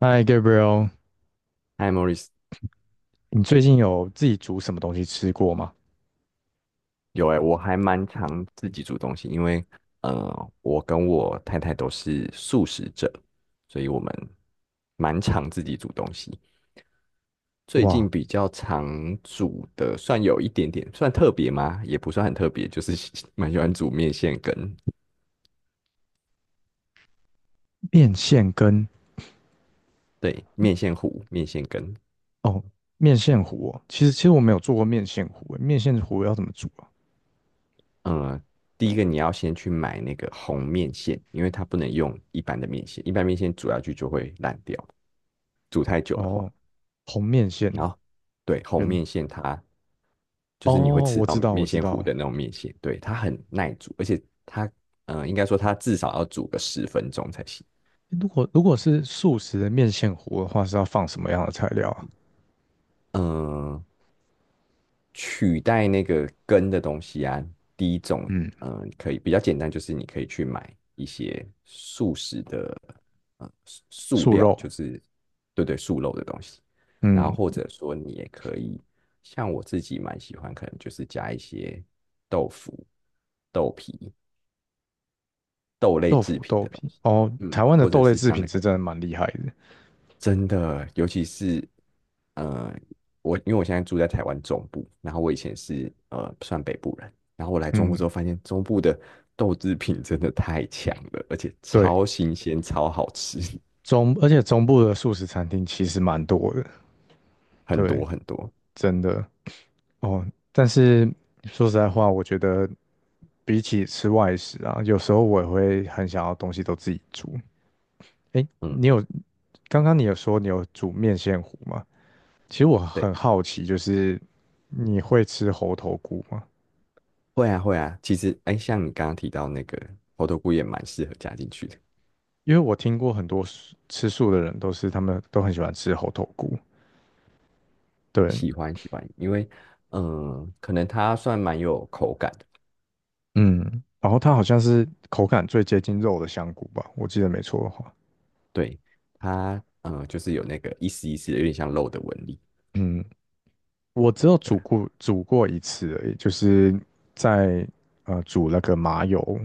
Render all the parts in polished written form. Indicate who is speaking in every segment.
Speaker 1: 嗨，Gabriel，
Speaker 2: 嗨，Morris。
Speaker 1: 你最近有自己煮什么东西吃过吗？
Speaker 2: 有哎、我还蛮常自己煮东西，因为我跟我太太都是素食者，所以我们蛮常自己煮东西。最
Speaker 1: 哇，
Speaker 2: 近比较常煮的，算有一点点，算特别吗？也不算很特别，就是 蛮喜欢煮面线羹。
Speaker 1: 面线跟
Speaker 2: 对，面线糊、面线羹。
Speaker 1: 哦，面线糊哦，其实我没有做过面线糊，面线糊要怎么煮啊？
Speaker 2: 嗯，第一个你要先去买那个红面线，因为它不能用一般的面线，一般面线煮下去就会烂掉，煮太久的话。
Speaker 1: 哦，红面
Speaker 2: 然
Speaker 1: 线
Speaker 2: 后对，红
Speaker 1: 跟
Speaker 2: 面线它就是你会
Speaker 1: 哦，
Speaker 2: 吃
Speaker 1: 我
Speaker 2: 到
Speaker 1: 知道我
Speaker 2: 面
Speaker 1: 知
Speaker 2: 线糊
Speaker 1: 道。
Speaker 2: 的那种面线，对，它很耐煮，而且它，应该说它至少要煮个10分钟才行。
Speaker 1: 如果是素食的面线糊的话，是要放什么样的材料啊？
Speaker 2: 嗯，取代那个根的东西啊，第一种，
Speaker 1: 嗯，
Speaker 2: 可以比较简单，就是你可以去买一些素食的，素素
Speaker 1: 素
Speaker 2: 料，
Speaker 1: 肉，
Speaker 2: 就是对对，素肉的东西。然后
Speaker 1: 嗯，
Speaker 2: 或者说你也可以，像我自己蛮喜欢，可能就是加一些豆腐、豆皮，豆类
Speaker 1: 豆
Speaker 2: 制
Speaker 1: 腐、
Speaker 2: 品
Speaker 1: 豆
Speaker 2: 的东
Speaker 1: 皮。
Speaker 2: 西。
Speaker 1: 哦，
Speaker 2: 嗯，
Speaker 1: 台湾的
Speaker 2: 或者
Speaker 1: 豆类
Speaker 2: 是
Speaker 1: 制
Speaker 2: 像
Speaker 1: 品
Speaker 2: 那
Speaker 1: 是
Speaker 2: 个
Speaker 1: 真的蛮厉害的。
Speaker 2: 真的，尤其是呃，因为我现在住在台湾中部，然后我以前是算北部人，然后我来中部之
Speaker 1: 嗯，
Speaker 2: 后发现中部的豆制品真的太强了，而且
Speaker 1: 对，
Speaker 2: 超新鲜、超好吃。
Speaker 1: 中而且中部的素食餐厅其实蛮多的，
Speaker 2: 很
Speaker 1: 对，
Speaker 2: 多很多，
Speaker 1: 真的。哦，但是说实在话，我觉得比起吃外食啊，有时候我也会很想要东西都自己煮。诶，
Speaker 2: 嗯，
Speaker 1: 你有，刚刚你有说你有煮面线糊吗？其实我很
Speaker 2: 对，
Speaker 1: 好奇，就是你会吃猴头菇吗？
Speaker 2: 会啊会啊，其实哎，像你刚刚提到那个猴头菇也蛮适合加进去的。
Speaker 1: 因为我听过很多素吃素的人都是他们都很喜欢吃猴头菇，对，
Speaker 2: 喜欢喜欢，因为嗯、可能它算蛮有口感的。
Speaker 1: 嗯，然后它好像是口感最接近肉的香菇吧，我记得没错的话，
Speaker 2: 对，它就是有那个一丝一丝的，有点像肉的纹理。
Speaker 1: 嗯。我只有
Speaker 2: 对
Speaker 1: 煮
Speaker 2: 啊，
Speaker 1: 过煮过一次而已，就是在煮那个麻油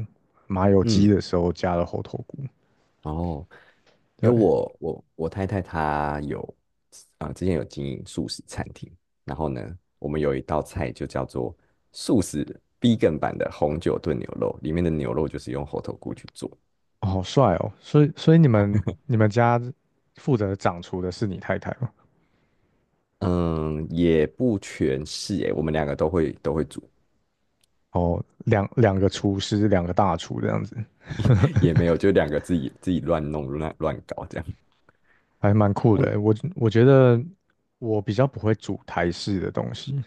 Speaker 1: 麻油鸡
Speaker 2: 嗯，
Speaker 1: 的时候加了猴头菇。
Speaker 2: 然后因
Speaker 1: 对，
Speaker 2: 为我太太她之前有经营素食餐厅，然后呢，我们有一道菜就叫做素食 began 版的红酒炖牛肉，里面的牛肉就是用猴头菇去做。
Speaker 1: 哦好帅哦！所以你们你们家负责掌厨的是你太太吗？
Speaker 2: 嗯，也不全是诶，我们两个都会煮。
Speaker 1: 哦，两两个
Speaker 2: 对，
Speaker 1: 厨师，两个大厨这样子，
Speaker 2: 也没有，就两个自己乱弄乱搞这样。
Speaker 1: 还蛮酷的
Speaker 2: 嗯，
Speaker 1: 欸我觉得我比较不会煮台式的东西，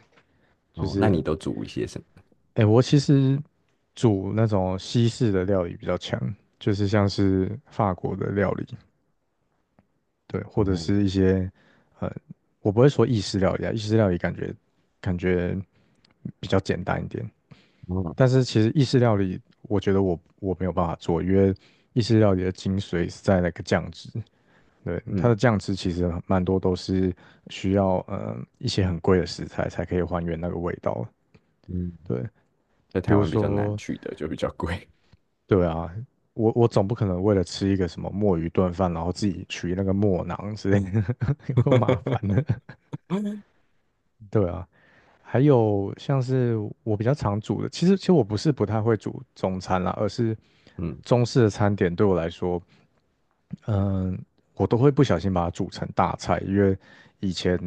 Speaker 1: 就
Speaker 2: 哦，那
Speaker 1: 是
Speaker 2: 你都煮一些什么？
Speaker 1: 哎，我其实煮那种西式的料理比较强，就是像是法国的料理。对，或者
Speaker 2: 哦，
Speaker 1: 是一些呃，我不会说意式料理啊，意式料理感觉感觉比较简单一点。
Speaker 2: 哦
Speaker 1: 但是其实意式料理，我觉得我没有办法做，因为意式料理的精髓是在那个酱汁。对，它的
Speaker 2: 嗯
Speaker 1: 酱汁其实蛮多都是需要嗯，一些很贵的食材才可以还原那个味道。
Speaker 2: 嗯，
Speaker 1: 对，
Speaker 2: 在
Speaker 1: 比
Speaker 2: 台
Speaker 1: 如
Speaker 2: 湾比较难
Speaker 1: 说，
Speaker 2: 去的，就比较贵。
Speaker 1: 对啊，我总不可能为了吃一个什么墨鱼炖饭，然后自己取那个墨囊之类的，有够麻 烦的。
Speaker 2: 嗯
Speaker 1: 对啊，还有像是我比较常煮的，其实我不是不太会煮中餐啦，而是
Speaker 2: 嗯
Speaker 1: 中式的餐点对我来说，嗯，我都会不小心把它煮成大菜，因为以前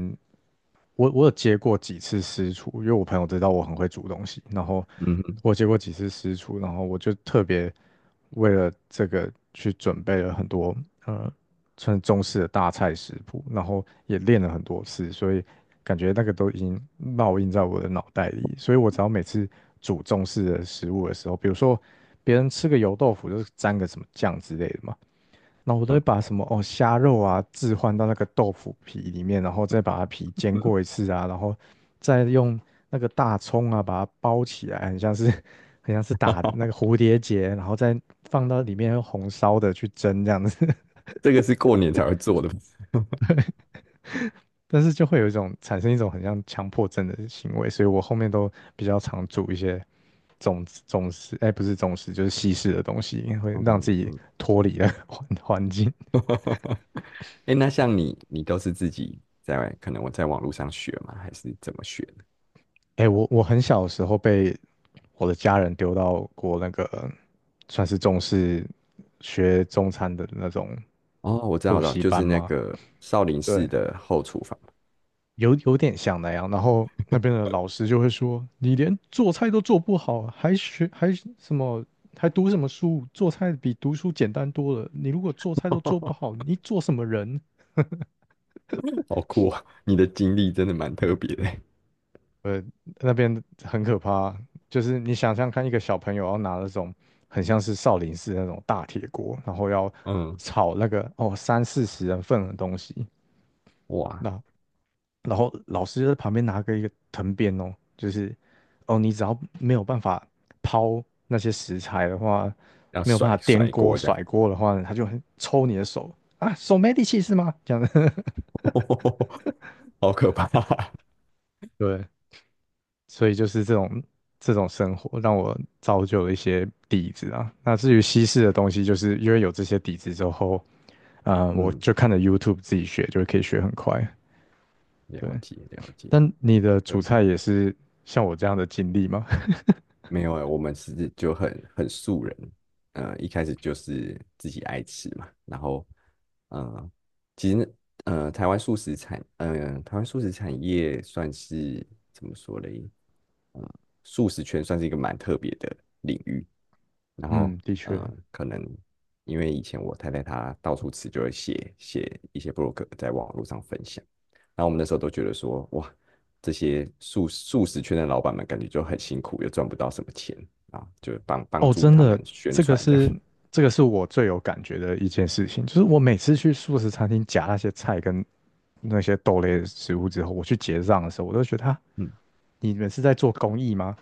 Speaker 1: 我有接过几次私厨，因为我朋友知道我很会煮东西，然后
Speaker 2: 哼
Speaker 1: 我接过几次私厨，然后我就特别为了这个去准备了很多呃穿中式的大菜食谱，然后也练了很多次，所以感觉那个都已经烙印在我的脑袋里。所以我只要每次煮中式的食物的时候，比如说别人吃个油豆腐就是沾个什么酱之类的嘛，那我都会
Speaker 2: 嗯，
Speaker 1: 把什么哦虾肉啊置换到那个豆腐皮里面，然后再把它皮煎过一次啊，然后再用那个大葱啊把它包起来，很像是 很像是打那个 蝴蝶结，然后再放到里面用红烧的去蒸这样子。
Speaker 2: 这个是过年才会做的。
Speaker 1: 但是就会有一种产生一种很像强迫症的行为，所以我后面都比较常煮一些总总种食，哎，不是总食，就是西式的东西，会
Speaker 2: 嗯
Speaker 1: 让自己
Speaker 2: 嗯，
Speaker 1: 脱离了 环环境。
Speaker 2: 哎那像你，都是自己在外可能我在网络上学吗？还是怎么学的？
Speaker 1: 哎，我很小的时候被我的家人丢到过那个算是重视学中餐的那种
Speaker 2: 哦，我知道，
Speaker 1: 补
Speaker 2: 我知道，
Speaker 1: 习
Speaker 2: 就
Speaker 1: 班
Speaker 2: 是那
Speaker 1: 吗？
Speaker 2: 个少林
Speaker 1: 对，
Speaker 2: 寺的后厨房。
Speaker 1: 有有点像那样。然后那边的老师就会说：“你连做菜都做不好，还学还什么，还读什么书？做菜比读书简单多了。你如果做菜都做不好，你做什么人？”
Speaker 2: 好酷啊！你的经历真的蛮特别的。
Speaker 1: 那边很可怕，就是你想象看，一个小朋友要拿那种很像是少林寺那种大铁锅，然后要
Speaker 2: 嗯，
Speaker 1: 炒那个哦三四十人份的东西，
Speaker 2: 哇，
Speaker 1: 那然后老师就在旁边拿个一个藤鞭哦，就是哦，你只要没有办法抛那些食材的话，
Speaker 2: 要
Speaker 1: 没有
Speaker 2: 甩
Speaker 1: 办法颠
Speaker 2: 甩
Speaker 1: 锅
Speaker 2: 锅这样，
Speaker 1: 甩锅的话，他就很抽你的手啊，手没力气是吗？这样子，
Speaker 2: 好可怕。
Speaker 1: 对，所以就是这种生活让我造就了一些底子啊。那至于西式的东西，就是因为有这些底子之后，我
Speaker 2: 嗯，
Speaker 1: 就看着 YouTube 自己学，就可以学很快。
Speaker 2: 了
Speaker 1: 对，
Speaker 2: 解了解，
Speaker 1: 但你的
Speaker 2: 特
Speaker 1: 主
Speaker 2: 别。
Speaker 1: 菜也是像我这样的经历吗？
Speaker 2: 没有哎、我们是就很素人，一开始就是自己爱吃嘛。然后，嗯，其实台湾素食产业算是怎么说嘞？呃，素食圈算是一个蛮特别的领域，然后
Speaker 1: 嗯，的确，
Speaker 2: 可能因为以前我太太她到处吃，就会写写一些 blog 在网络上分享，然后我们那时候都觉得说，哇，这些素食圈的老板们感觉就很辛苦，又赚不到什么钱啊，就帮
Speaker 1: 哦，
Speaker 2: 助
Speaker 1: 真
Speaker 2: 他
Speaker 1: 的，
Speaker 2: 们宣
Speaker 1: 这个
Speaker 2: 传这样。
Speaker 1: 是这个是我最有感觉的一件事情，就是我每次去素食餐厅夹那些菜跟那些豆类的食物之后，我去结账的时候，我都觉得啊，
Speaker 2: 嗯，
Speaker 1: 你们是在做公益吗？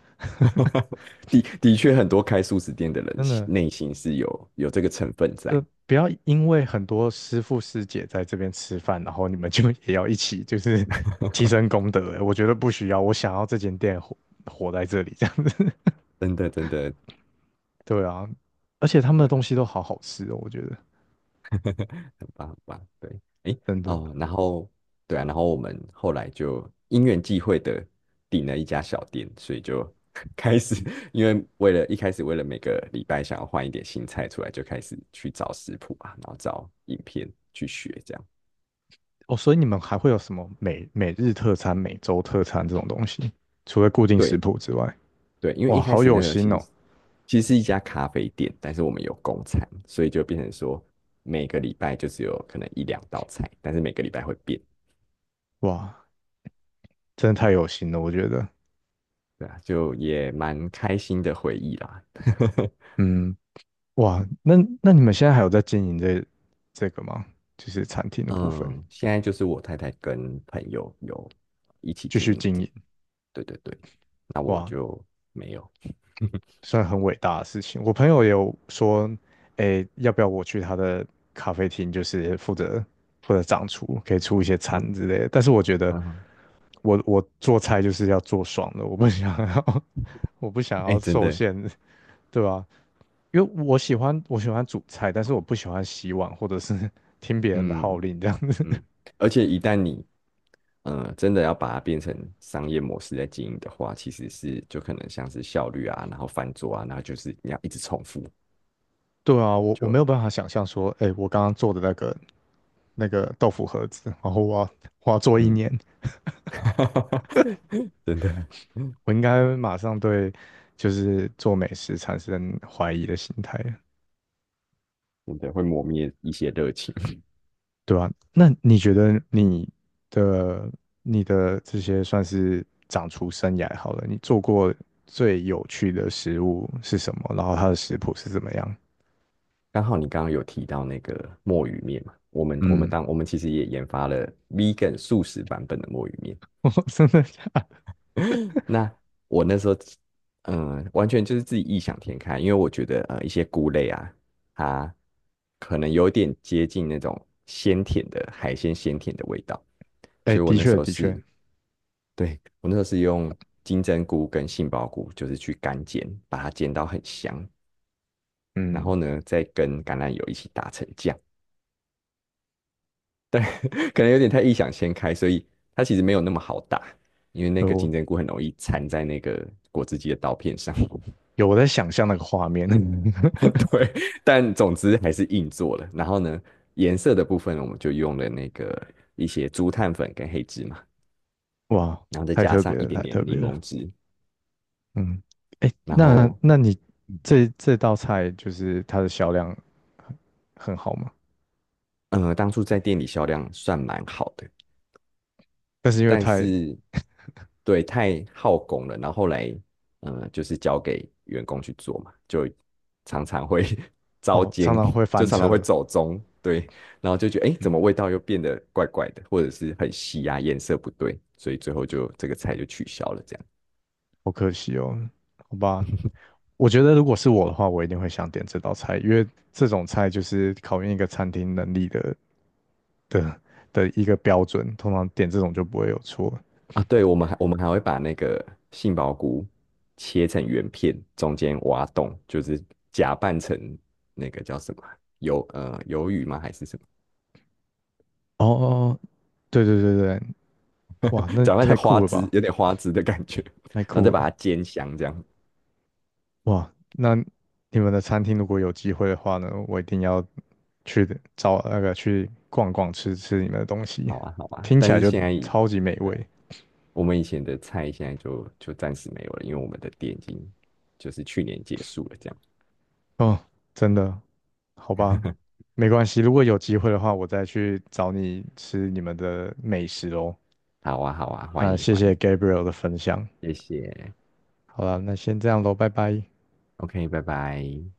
Speaker 2: 的确，很多开素食店的人
Speaker 1: 真的，
Speaker 2: 内心是有这个成分
Speaker 1: 就
Speaker 2: 在。
Speaker 1: 不要因为很多师傅师姐在这边吃饭，然后你们就也要一起就是 提 升功德，我觉得不需要，我想要这间店活活在这里这样子，
Speaker 2: 真的真的，
Speaker 1: 对啊，而且他们
Speaker 2: 对
Speaker 1: 的东
Speaker 2: 啊，
Speaker 1: 西都好好吃哦，我觉得
Speaker 2: 很棒，很棒。对，诶，
Speaker 1: 真的，
Speaker 2: 哦，然后对啊，然后我们后来就因缘际会的订了一家小店，所以就 开始，为了一开始，为了每个礼拜想要换一点新菜出来，就开始去找食谱啊，然后找影片去学这样。
Speaker 1: 哦，所以你们还会有什么每每日特餐、每周特餐这种东西？除了固定食
Speaker 2: 对
Speaker 1: 谱之外，
Speaker 2: 对，因为
Speaker 1: 哇，
Speaker 2: 一开
Speaker 1: 好
Speaker 2: 始
Speaker 1: 有
Speaker 2: 那个
Speaker 1: 心哦！
Speaker 2: 其实是一家咖啡店，但是我们有供餐，所以就变成说每个礼拜就只有可能一两道菜，但是每个礼拜会变。
Speaker 1: 哇，真的太有心了，我觉得。
Speaker 2: 对啊，就也蛮开心的回忆啦。
Speaker 1: 嗯，哇，那那你们现在还有在经营这这个吗？就是餐厅的部分，
Speaker 2: 嗯，现在就是我太太跟朋友有一起
Speaker 1: 继
Speaker 2: 经
Speaker 1: 续
Speaker 2: 营
Speaker 1: 经
Speaker 2: 这样，
Speaker 1: 营。
Speaker 2: 对对对，那我
Speaker 1: 哇，
Speaker 2: 就没有。
Speaker 1: 算很伟大的事情。我朋友也有说，诶，要不要我去他的咖啡厅，就是负责负责掌厨，可以出一些
Speaker 2: 嗯
Speaker 1: 餐之类的。但是我觉得
Speaker 2: 嗯，
Speaker 1: 我，我做菜就是要做爽的，我不想要，我不想要
Speaker 2: 哎、真
Speaker 1: 受
Speaker 2: 的，
Speaker 1: 限，对吧？因为我喜欢煮菜，但是我不喜欢洗碗或者是 听别人的号
Speaker 2: 嗯
Speaker 1: 令这样子。
Speaker 2: 嗯，而且一旦你真的要把它变成商业模式在经营的话，其实是就可能像是效率啊，然后翻桌啊，然后就是你要一直重复，
Speaker 1: 对啊，我
Speaker 2: 就
Speaker 1: 没有办法想象说，诶，我刚刚做的那个豆腐盒子，然后我要做一
Speaker 2: 嗯，
Speaker 1: 年。
Speaker 2: 真的
Speaker 1: 我应该马上对就是做美食产生怀疑的心态了，
Speaker 2: 真的会磨灭一些热情。
Speaker 1: 对吧？那你觉得你的你的这些算是掌厨生涯好了，你做过最有趣的食物是什么？然后它的食谱是怎么样？
Speaker 2: 刚好你刚刚有提到那个墨鱼面嘛，我们我们
Speaker 1: 嗯，
Speaker 2: 当我们其实也研发了 vegan 素食版本的墨鱼面。
Speaker 1: 我真的假的？
Speaker 2: 那我那时候，完全就是自己异想天开，因为我觉得一些菇类啊，它可能有点接近那种鲜甜的海鲜鲜甜的味道。
Speaker 1: 哎，
Speaker 2: 所以我
Speaker 1: 的
Speaker 2: 那时
Speaker 1: 确
Speaker 2: 候
Speaker 1: 的
Speaker 2: 是，
Speaker 1: 确，
Speaker 2: 对，我那时候是用金针菇跟杏鲍菇，就是去干煎，把它煎到很香，然后
Speaker 1: 嗯，
Speaker 2: 呢再跟橄榄油一起打成酱。可能有点太异想天开，所以它其实没有那么好打，因为那个
Speaker 1: 有
Speaker 2: 金针菇很容易缠在那个果汁机的刀片上。
Speaker 1: 我在想象那个画面，
Speaker 2: 对，但总之还是硬做了。然后呢，颜色的部分我们就用了那个一些竹炭粉跟黑芝麻，
Speaker 1: 哇，
Speaker 2: 然后再
Speaker 1: 太
Speaker 2: 加
Speaker 1: 特
Speaker 2: 上
Speaker 1: 别
Speaker 2: 一
Speaker 1: 了，太
Speaker 2: 点点
Speaker 1: 特
Speaker 2: 柠
Speaker 1: 别了。
Speaker 2: 檬汁。
Speaker 1: 嗯，哎，
Speaker 2: 然
Speaker 1: 那
Speaker 2: 后，
Speaker 1: 那你这这道菜就是它的销量很很好吗？
Speaker 2: 嗯，当初在店里销量算蛮好的。
Speaker 1: 但是因为
Speaker 2: 但
Speaker 1: 太
Speaker 2: 是对，太耗工了，然后后来就是交给员工去做嘛，就常常会 糟
Speaker 1: 哦，常
Speaker 2: 践，
Speaker 1: 常会
Speaker 2: 就
Speaker 1: 翻
Speaker 2: 常常会
Speaker 1: 车，
Speaker 2: 走中。对，然后就觉得哎，诶怎么
Speaker 1: 嗯，
Speaker 2: 味道又变得怪怪的，或者是很稀啊，颜色不对，所以最后就这个菜就取消了这样
Speaker 1: 好可惜哦，好吧。我觉得如果是我的话，我一定会想点这道菜，因为这种菜就是考验一个餐厅能力的的的一个标准，通常点这种就不会有错。
Speaker 2: 啊。对，我们还会把那个杏鲍菇切成圆片，中间挖洞，就是假扮成那个叫什么啊鱿鱼吗？还是什么？
Speaker 1: 哦哦，哦对对对对，哇，那
Speaker 2: 搅拌成
Speaker 1: 太
Speaker 2: 花
Speaker 1: 酷了
Speaker 2: 汁，
Speaker 1: 吧，
Speaker 2: 有点花汁的感觉，
Speaker 1: 太
Speaker 2: 然后再
Speaker 1: 酷
Speaker 2: 把
Speaker 1: 了。
Speaker 2: 它煎香，这样。
Speaker 1: 哇，那你们的餐厅如果有机会的话呢，我一定要去的找那个去逛逛，吃吃你们的东西，
Speaker 2: 好啊好啊，
Speaker 1: 听起
Speaker 2: 但
Speaker 1: 来
Speaker 2: 是
Speaker 1: 就
Speaker 2: 现在，
Speaker 1: 超级美
Speaker 2: 对啊，
Speaker 1: 味
Speaker 2: 我们以前的菜现在就暂时没有了，因为我们的店已经就是去年结束了，这样。
Speaker 1: 哦，真的，好吧，没关系，如果有机会的话，我再去找你吃你们的美食哦。
Speaker 2: 好啊好啊，欢
Speaker 1: 那
Speaker 2: 迎
Speaker 1: 谢
Speaker 2: 欢
Speaker 1: 谢
Speaker 2: 迎，
Speaker 1: Gabriel 的分享，
Speaker 2: 谢谢
Speaker 1: 好了，那先这样喽，拜拜。
Speaker 2: ，OK，拜拜。